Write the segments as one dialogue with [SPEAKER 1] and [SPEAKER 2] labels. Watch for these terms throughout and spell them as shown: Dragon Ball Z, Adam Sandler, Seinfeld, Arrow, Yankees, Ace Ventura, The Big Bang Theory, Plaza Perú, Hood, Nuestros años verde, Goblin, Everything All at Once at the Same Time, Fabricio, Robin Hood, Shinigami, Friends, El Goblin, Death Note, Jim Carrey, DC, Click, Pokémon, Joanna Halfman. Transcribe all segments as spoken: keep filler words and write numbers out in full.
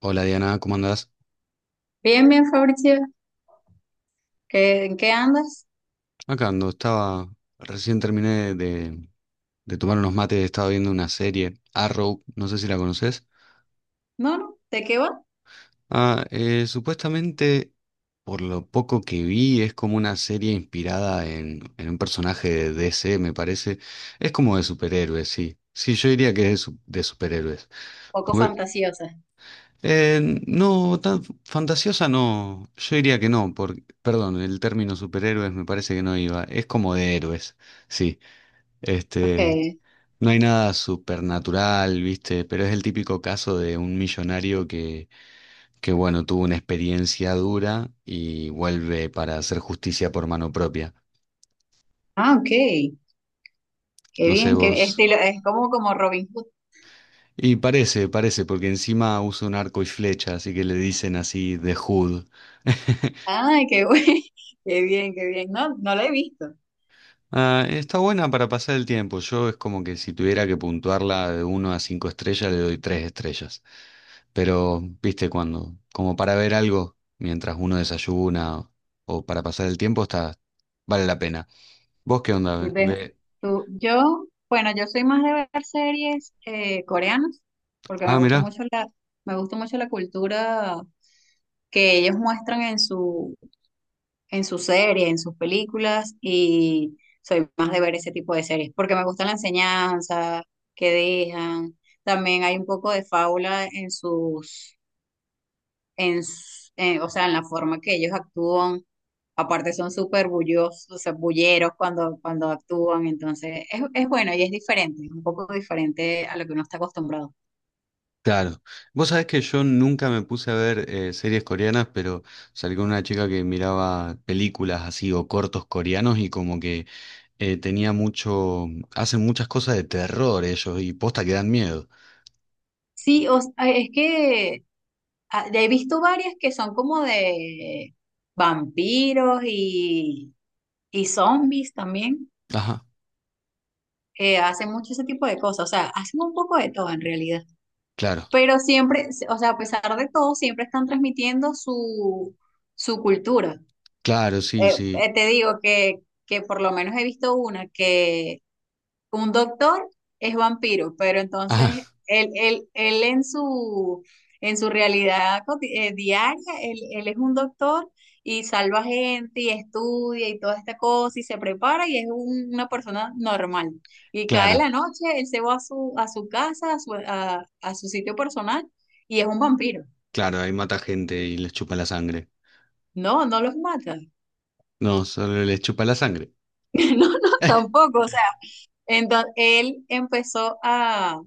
[SPEAKER 1] Hola Diana, ¿cómo andás?
[SPEAKER 2] Bien, bien, Fabricio. ¿Qué, en qué andas?
[SPEAKER 1] Acá ando, estaba, recién terminé de, de tomar unos mates, estaba viendo una serie, Arrow, no sé si la conoces.
[SPEAKER 2] No, no, ¿de qué va?
[SPEAKER 1] Ah, eh, supuestamente, por lo poco que vi, es como una serie inspirada en, en un personaje de D C, me parece. Es como de superhéroes, sí. Sí, yo diría que es de, su- de superhéroes.
[SPEAKER 2] Poco
[SPEAKER 1] Porque,
[SPEAKER 2] fantasiosa.
[SPEAKER 1] eh, no, tan fantasiosa no, yo diría que no, porque, perdón, el término superhéroes me parece que no iba, es como de héroes, sí. Este,
[SPEAKER 2] Okay.
[SPEAKER 1] no hay nada supernatural, ¿viste? Pero es el típico caso de un millonario que, que, bueno, tuvo una experiencia dura y vuelve para hacer justicia por mano propia.
[SPEAKER 2] Ah, ok. Qué
[SPEAKER 1] No sé
[SPEAKER 2] bien, qué
[SPEAKER 1] vos.
[SPEAKER 2] estilo, es como, como Robin Hood.
[SPEAKER 1] Y parece, parece, porque encima usa un arco y flecha, así que le dicen así de Hood.
[SPEAKER 2] Ay, qué bueno. Qué bien, qué bien. No, no la he visto.
[SPEAKER 1] Ah, está buena para pasar el tiempo. Yo es como que si tuviera que puntuarla de uno a cinco estrellas, le doy tres estrellas. Pero, viste, cuando, como para ver algo mientras uno desayuna o para pasar el tiempo, está, vale la pena. ¿Vos qué onda?
[SPEAKER 2] ve-
[SPEAKER 1] Ve-
[SPEAKER 2] Tú, yo, bueno, yo soy más de ver series eh, coreanas, porque
[SPEAKER 1] Ah,
[SPEAKER 2] me gusta
[SPEAKER 1] mirá,
[SPEAKER 2] mucho la, me gusta mucho la cultura que ellos muestran en su en sus series, en sus películas, y soy más de ver ese tipo de series, porque me gusta la enseñanza que dejan. También hay un poco de fábula en sus, en, s- eh, o sea, en la forma que ellos actúan. Aparte son súper bullosos, o sea, bulleros cuando, cuando actúan, entonces es, es bueno y es diferente, es un poco diferente a lo que uno está acostumbrado.
[SPEAKER 1] claro. Vos sabés que yo nunca me puse a ver eh, series coreanas, pero salí con una chica que miraba películas así o cortos coreanos y como que eh, tenía mucho, hacen muchas cosas de terror ellos y posta que dan miedo.
[SPEAKER 2] Sí, o s- es que ah, he visto varias que son como de vampiros y, Y zombies también.
[SPEAKER 1] Ajá,
[SPEAKER 2] Eh, hacen mucho ese tipo de cosas, o sea, hacen un poco de todo en realidad,
[SPEAKER 1] claro,
[SPEAKER 2] pero siempre, o sea, a pesar de todo, siempre están transmitiendo su, su cultura.
[SPEAKER 1] claro, sí,
[SPEAKER 2] Eh,
[SPEAKER 1] sí.
[SPEAKER 2] eh, te digo que, que por lo menos he visto una que un doctor es vampiro, pero entonces
[SPEAKER 1] Ajá,
[SPEAKER 2] él, él, él en su, en su realidad coti- eh, diaria, él, él es un doctor y salva gente y estudia y toda esta cosa y se prepara y es un- una persona normal. Y cae
[SPEAKER 1] claro,
[SPEAKER 2] la noche, él se va a su, a su casa, a su, a, a su sitio personal y es un vampiro.
[SPEAKER 1] claro, ahí mata gente y les chupa la sangre.
[SPEAKER 2] No, no los mata.
[SPEAKER 1] No, solo les chupa la sangre.
[SPEAKER 2] No, no, tampoco. O sea, entonces él empezó a,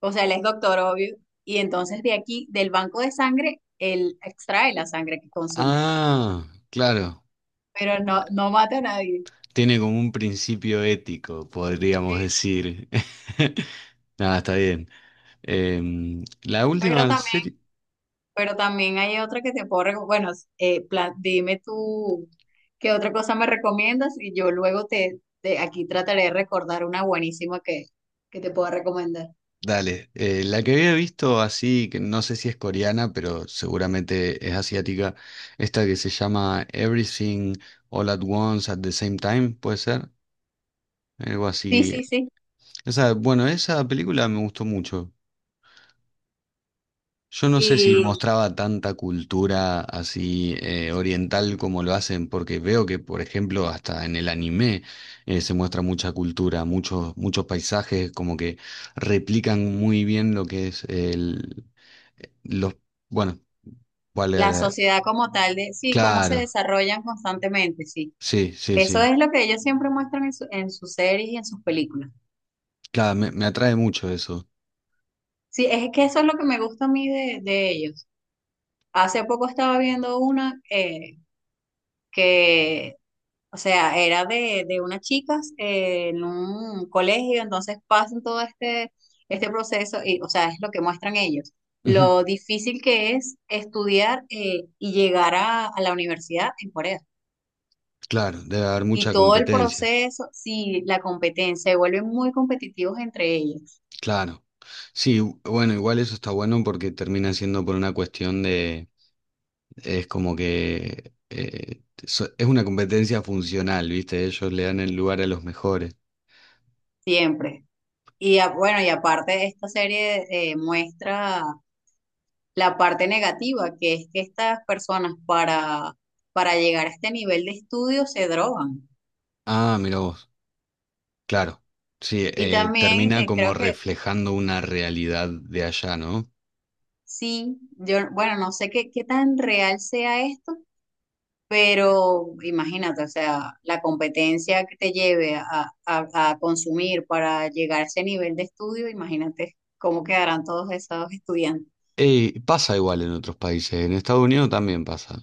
[SPEAKER 2] o sea, él es doctor, obvio. Y entonces de aquí, del banco de sangre, él extrae la sangre que consume.
[SPEAKER 1] Ah, claro.
[SPEAKER 2] Pero no, no mata a nadie.
[SPEAKER 1] Tiene como un principio ético, podríamos
[SPEAKER 2] Sí, sí.
[SPEAKER 1] decir. Nada, está bien. Em, la
[SPEAKER 2] Pero
[SPEAKER 1] última
[SPEAKER 2] también,
[SPEAKER 1] serie,
[SPEAKER 2] pero también hay otra que te puedo recomendar. Bueno, eh, pla- dime tú qué otra cosa me recomiendas y yo luego te, te- aquí trataré de recordar una buenísima que, que te pueda recomendar.
[SPEAKER 1] dale, eh, la que había visto así, que no sé si es coreana, pero seguramente es asiática, esta que se llama Everything All at Once at the Same Time, puede ser, algo
[SPEAKER 2] Sí,
[SPEAKER 1] así.
[SPEAKER 2] sí, sí.
[SPEAKER 1] Esa, bueno, esa película me gustó mucho. Yo no sé si
[SPEAKER 2] Y
[SPEAKER 1] mostraba tanta cultura así eh, oriental como lo hacen, porque veo que, por ejemplo, hasta en el anime eh, se muestra mucha cultura, muchos, muchos paisajes como que replican muy bien lo que es el, eh, los, bueno, cuál era
[SPEAKER 2] la
[SPEAKER 1] la-
[SPEAKER 2] sociedad como tal, de, sí, cómo se
[SPEAKER 1] claro,
[SPEAKER 2] desarrollan constantemente, sí.
[SPEAKER 1] sí, sí,
[SPEAKER 2] Eso
[SPEAKER 1] sí.
[SPEAKER 2] es lo que ellos siempre muestran en su- en sus series y en sus películas.
[SPEAKER 1] Claro, me, me atrae mucho eso.
[SPEAKER 2] Sí, es que eso es lo que me gusta a mí de, de ellos. Hace poco estaba viendo una eh, que, o sea, era de, de unas chicas eh, en un colegio, entonces pasan todo este, este proceso y, o sea, es lo que muestran ellos.
[SPEAKER 1] Ujú,
[SPEAKER 2] Lo difícil que es estudiar eh, y llegar a, a la universidad en Corea.
[SPEAKER 1] claro, debe haber
[SPEAKER 2] Y
[SPEAKER 1] mucha
[SPEAKER 2] todo el
[SPEAKER 1] competencia.
[SPEAKER 2] proceso, sí, la competencia, se vuelven muy competitivos entre ellos,
[SPEAKER 1] Claro. Sí, bueno, igual eso está bueno porque termina siendo por una cuestión de. Es como que eh, so- es una competencia funcional, ¿viste? Ellos le dan el lugar a los mejores.
[SPEAKER 2] siempre. Y a- bueno, y aparte esta serie eh, muestra la parte negativa, que es que estas personas para, para llegar a este nivel de estudio se drogan.
[SPEAKER 1] Ah, mira vos, claro. Sí,
[SPEAKER 2] Y
[SPEAKER 1] eh,
[SPEAKER 2] también
[SPEAKER 1] termina
[SPEAKER 2] eh,
[SPEAKER 1] como
[SPEAKER 2] creo que
[SPEAKER 1] reflejando una realidad de allá, ¿no?
[SPEAKER 2] sí, yo, bueno, no sé qué, qué tan real sea esto, pero imagínate, o sea, la competencia que te lleve a, a, a consumir para llegar a ese nivel de estudio, imagínate cómo quedarán todos esos estudiantes.
[SPEAKER 1] Y pasa igual en otros países, en Estados Unidos también pasa.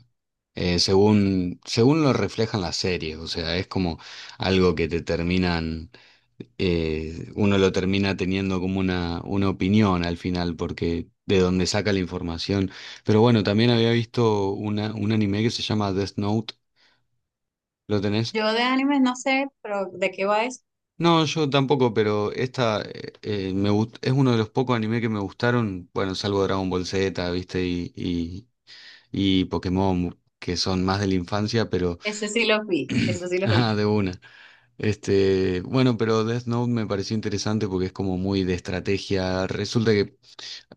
[SPEAKER 1] Eh, según, según lo reflejan las series, o sea, es como algo que te terminan, eh, uno lo termina teniendo como una, una opinión al final, porque de donde saca la información. Pero bueno, también había visto una, un anime que se llama Death Note, ¿lo tenés?
[SPEAKER 2] Yo de animes no sé, pero ¿de qué va eso?
[SPEAKER 1] No, yo tampoco, pero esta eh, eh, me gust- es uno de los pocos anime que me gustaron, bueno, salvo Dragon Ball Z, ¿viste? Y, y Pokémon, que son más de la infancia, pero
[SPEAKER 2] Ese sí lo vi, eso sí lo vi.
[SPEAKER 1] ah, de una. Este, bueno, pero Death Note me pareció interesante porque es como muy de estrategia. Resulta que,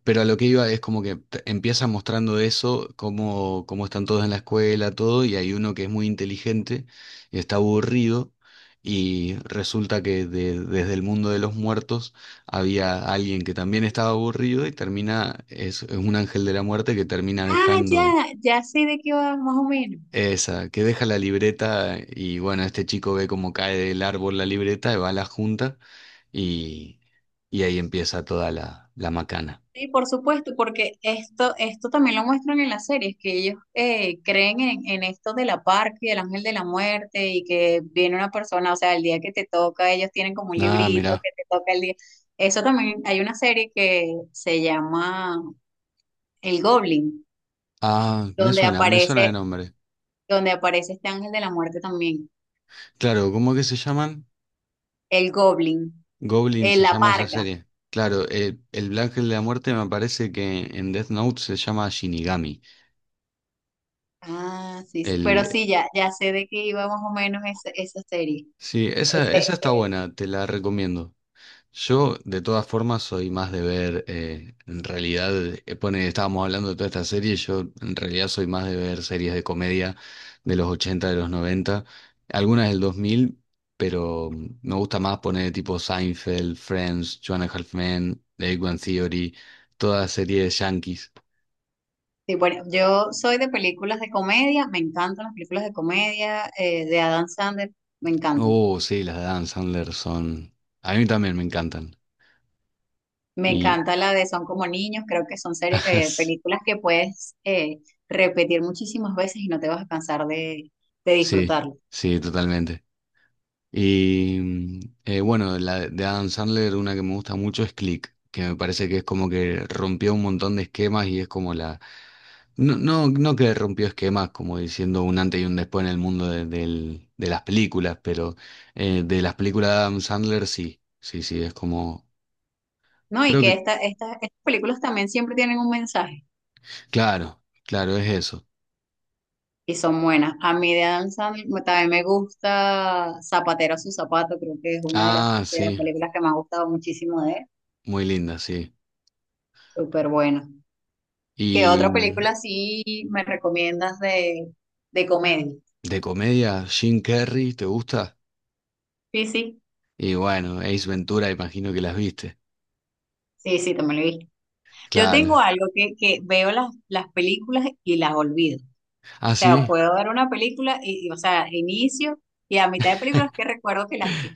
[SPEAKER 1] pero a lo que iba es como que te- empieza mostrando eso, cómo, cómo están todos en la escuela, todo, y hay uno que es muy inteligente y está aburrido. Y resulta que de- desde el mundo de los muertos había alguien que también estaba aburrido y termina, es, es un ángel de la muerte que termina
[SPEAKER 2] Ah, ya,
[SPEAKER 1] dejando.
[SPEAKER 2] ya sé de qué va más o menos.
[SPEAKER 1] Esa, que deja la libreta y bueno, este chico ve cómo cae del árbol la libreta y va a la junta y, y ahí empieza toda la, la macana.
[SPEAKER 2] Sí, por supuesto, porque esto, esto también lo muestran en las series, que ellos eh, creen en, en esto de la parca y del ángel de la muerte y que viene una persona, o sea, el día que te toca, ellos tienen como un
[SPEAKER 1] Ah,
[SPEAKER 2] librito
[SPEAKER 1] mira.
[SPEAKER 2] que te toca el día. Eso también, hay una serie que se llama El Goblin,
[SPEAKER 1] Ah, me
[SPEAKER 2] donde
[SPEAKER 1] suena, me suena de
[SPEAKER 2] aparece,
[SPEAKER 1] nombre.
[SPEAKER 2] donde aparece este ángel de la muerte también,
[SPEAKER 1] Claro, ¿cómo que se llaman?
[SPEAKER 2] el Goblin,
[SPEAKER 1] Goblin
[SPEAKER 2] eh,
[SPEAKER 1] se
[SPEAKER 2] la
[SPEAKER 1] llama esa
[SPEAKER 2] parca.
[SPEAKER 1] serie. Claro, el, el Black Ángel de la Muerte me parece que en Death Note se llama Shinigami.
[SPEAKER 2] Ah, sí, sí, pero
[SPEAKER 1] El,
[SPEAKER 2] sí, ya, ya sé de qué iba más o menos esa, esa serie.
[SPEAKER 1] sí, esa,
[SPEAKER 2] Ese,
[SPEAKER 1] esa está
[SPEAKER 2] ese-
[SPEAKER 1] buena, te la recomiendo. Yo, de todas formas, soy más de ver, eh, en realidad, eh, pone, estábamos hablando de toda esta serie, yo en realidad soy más de ver series de comedia de los ochenta, de los noventa, algunas del dos mil, pero mm, me gusta más poner tipo Seinfeld, Friends, Joanna Halfman, The Big Bang Theory, toda serie de Yankees.
[SPEAKER 2] Sí, bueno, yo soy de películas de comedia, me encantan las películas de comedia eh, de Adam Sandler, me encantan.
[SPEAKER 1] Oh, sí, las de Adam Sandler son... A mí también me encantan.
[SPEAKER 2] Me
[SPEAKER 1] Y...
[SPEAKER 2] encanta la de Son como niños, creo que son serie- eh, películas que puedes eh, repetir muchísimas veces y no te vas a cansar de, de
[SPEAKER 1] sí,
[SPEAKER 2] disfrutarlo,
[SPEAKER 1] sí, totalmente. Y mm, eh, bueno, la de Adam Sandler, una que me gusta mucho es Click, que me parece que es como que rompió un montón de esquemas y es como la... No, no, no que rompió esquemas, como diciendo un antes y un después en el mundo de, del- de las películas, pero eh, de las películas de Adam Sandler sí, sí, sí, es como...
[SPEAKER 2] ¿no? Y
[SPEAKER 1] Creo
[SPEAKER 2] que
[SPEAKER 1] que...
[SPEAKER 2] esta, esta- estas películas también siempre tienen un mensaje
[SPEAKER 1] Claro, claro, es eso.
[SPEAKER 2] y son buenas. A mí de Adam Sandler me- también me gusta Zapatero a su zapato, creo que es una de las,
[SPEAKER 1] Ah,
[SPEAKER 2] de
[SPEAKER 1] sí,
[SPEAKER 2] las películas que me ha gustado muchísimo de él,
[SPEAKER 1] muy linda, sí.
[SPEAKER 2] súper buena. ¿Qué
[SPEAKER 1] Y
[SPEAKER 2] otra
[SPEAKER 1] mm,
[SPEAKER 2] película sí me recomiendas de, de comedia?
[SPEAKER 1] de comedia, Jim Carrey, ¿te gusta?
[SPEAKER 2] Sí, sí,
[SPEAKER 1] Y bueno, Ace Ventura, imagino que las viste.
[SPEAKER 2] sí, sí, también lo he visto. Yo
[SPEAKER 1] Claro.
[SPEAKER 2] tengo algo que, que veo las, las películas y las olvido. O
[SPEAKER 1] Ah,
[SPEAKER 2] sea,
[SPEAKER 1] sí.
[SPEAKER 2] puedo ver una película y, y, o sea, inicio y a mitad de películas que recuerdo que las vi.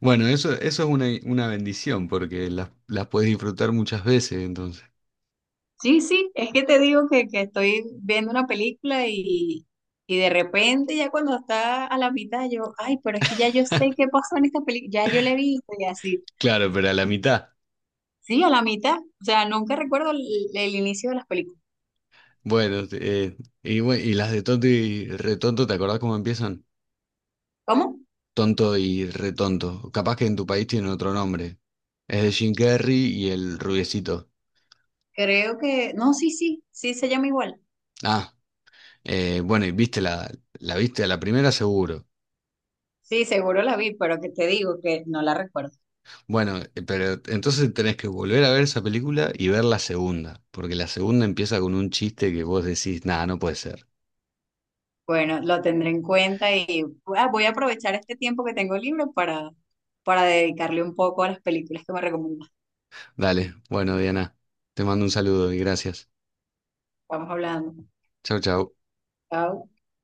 [SPEAKER 1] Bueno, eso, eso es una, una bendición porque las, las puedes disfrutar muchas veces, entonces.
[SPEAKER 2] Sí, sí, es que te digo que, que estoy viendo una película y, y de repente ya cuando está a la mitad yo, ay, pero es que ya yo sé qué pasó en esta película, ya yo la he visto y así.
[SPEAKER 1] Claro, pero a la mitad.
[SPEAKER 2] Sí, a la mitad. O sea, nunca recuerdo el el inicio de las películas.
[SPEAKER 1] Bueno, te- eh, y, bue- y las de tonto y retonto, ¿te acordás cómo empiezan?
[SPEAKER 2] ¿Cómo?
[SPEAKER 1] Tonto y retonto. Capaz que en tu país tienen otro nombre. Es de Jim Carrey y el rubiecito.
[SPEAKER 2] Creo que, no, sí, sí, sí se llama igual.
[SPEAKER 1] Ah, eh, bueno, y viste la, la viste a la primera seguro.
[SPEAKER 2] Sí, seguro la vi, pero que te digo que no la recuerdo.
[SPEAKER 1] Bueno, eh, pero entonces tenés que volver a ver esa película y ver la segunda, porque la segunda empieza con un chiste que vos decís, nada, no puede ser.
[SPEAKER 2] Bueno, lo tendré en cuenta y ah, voy a aprovechar este tiempo que tengo libre para, para dedicarle un poco a las películas que me recomiendas.
[SPEAKER 1] Dale, bueno, Diana, te mando un saludo y gracias.
[SPEAKER 2] Vamos hablando.
[SPEAKER 1] Chau, chau.
[SPEAKER 2] Chao.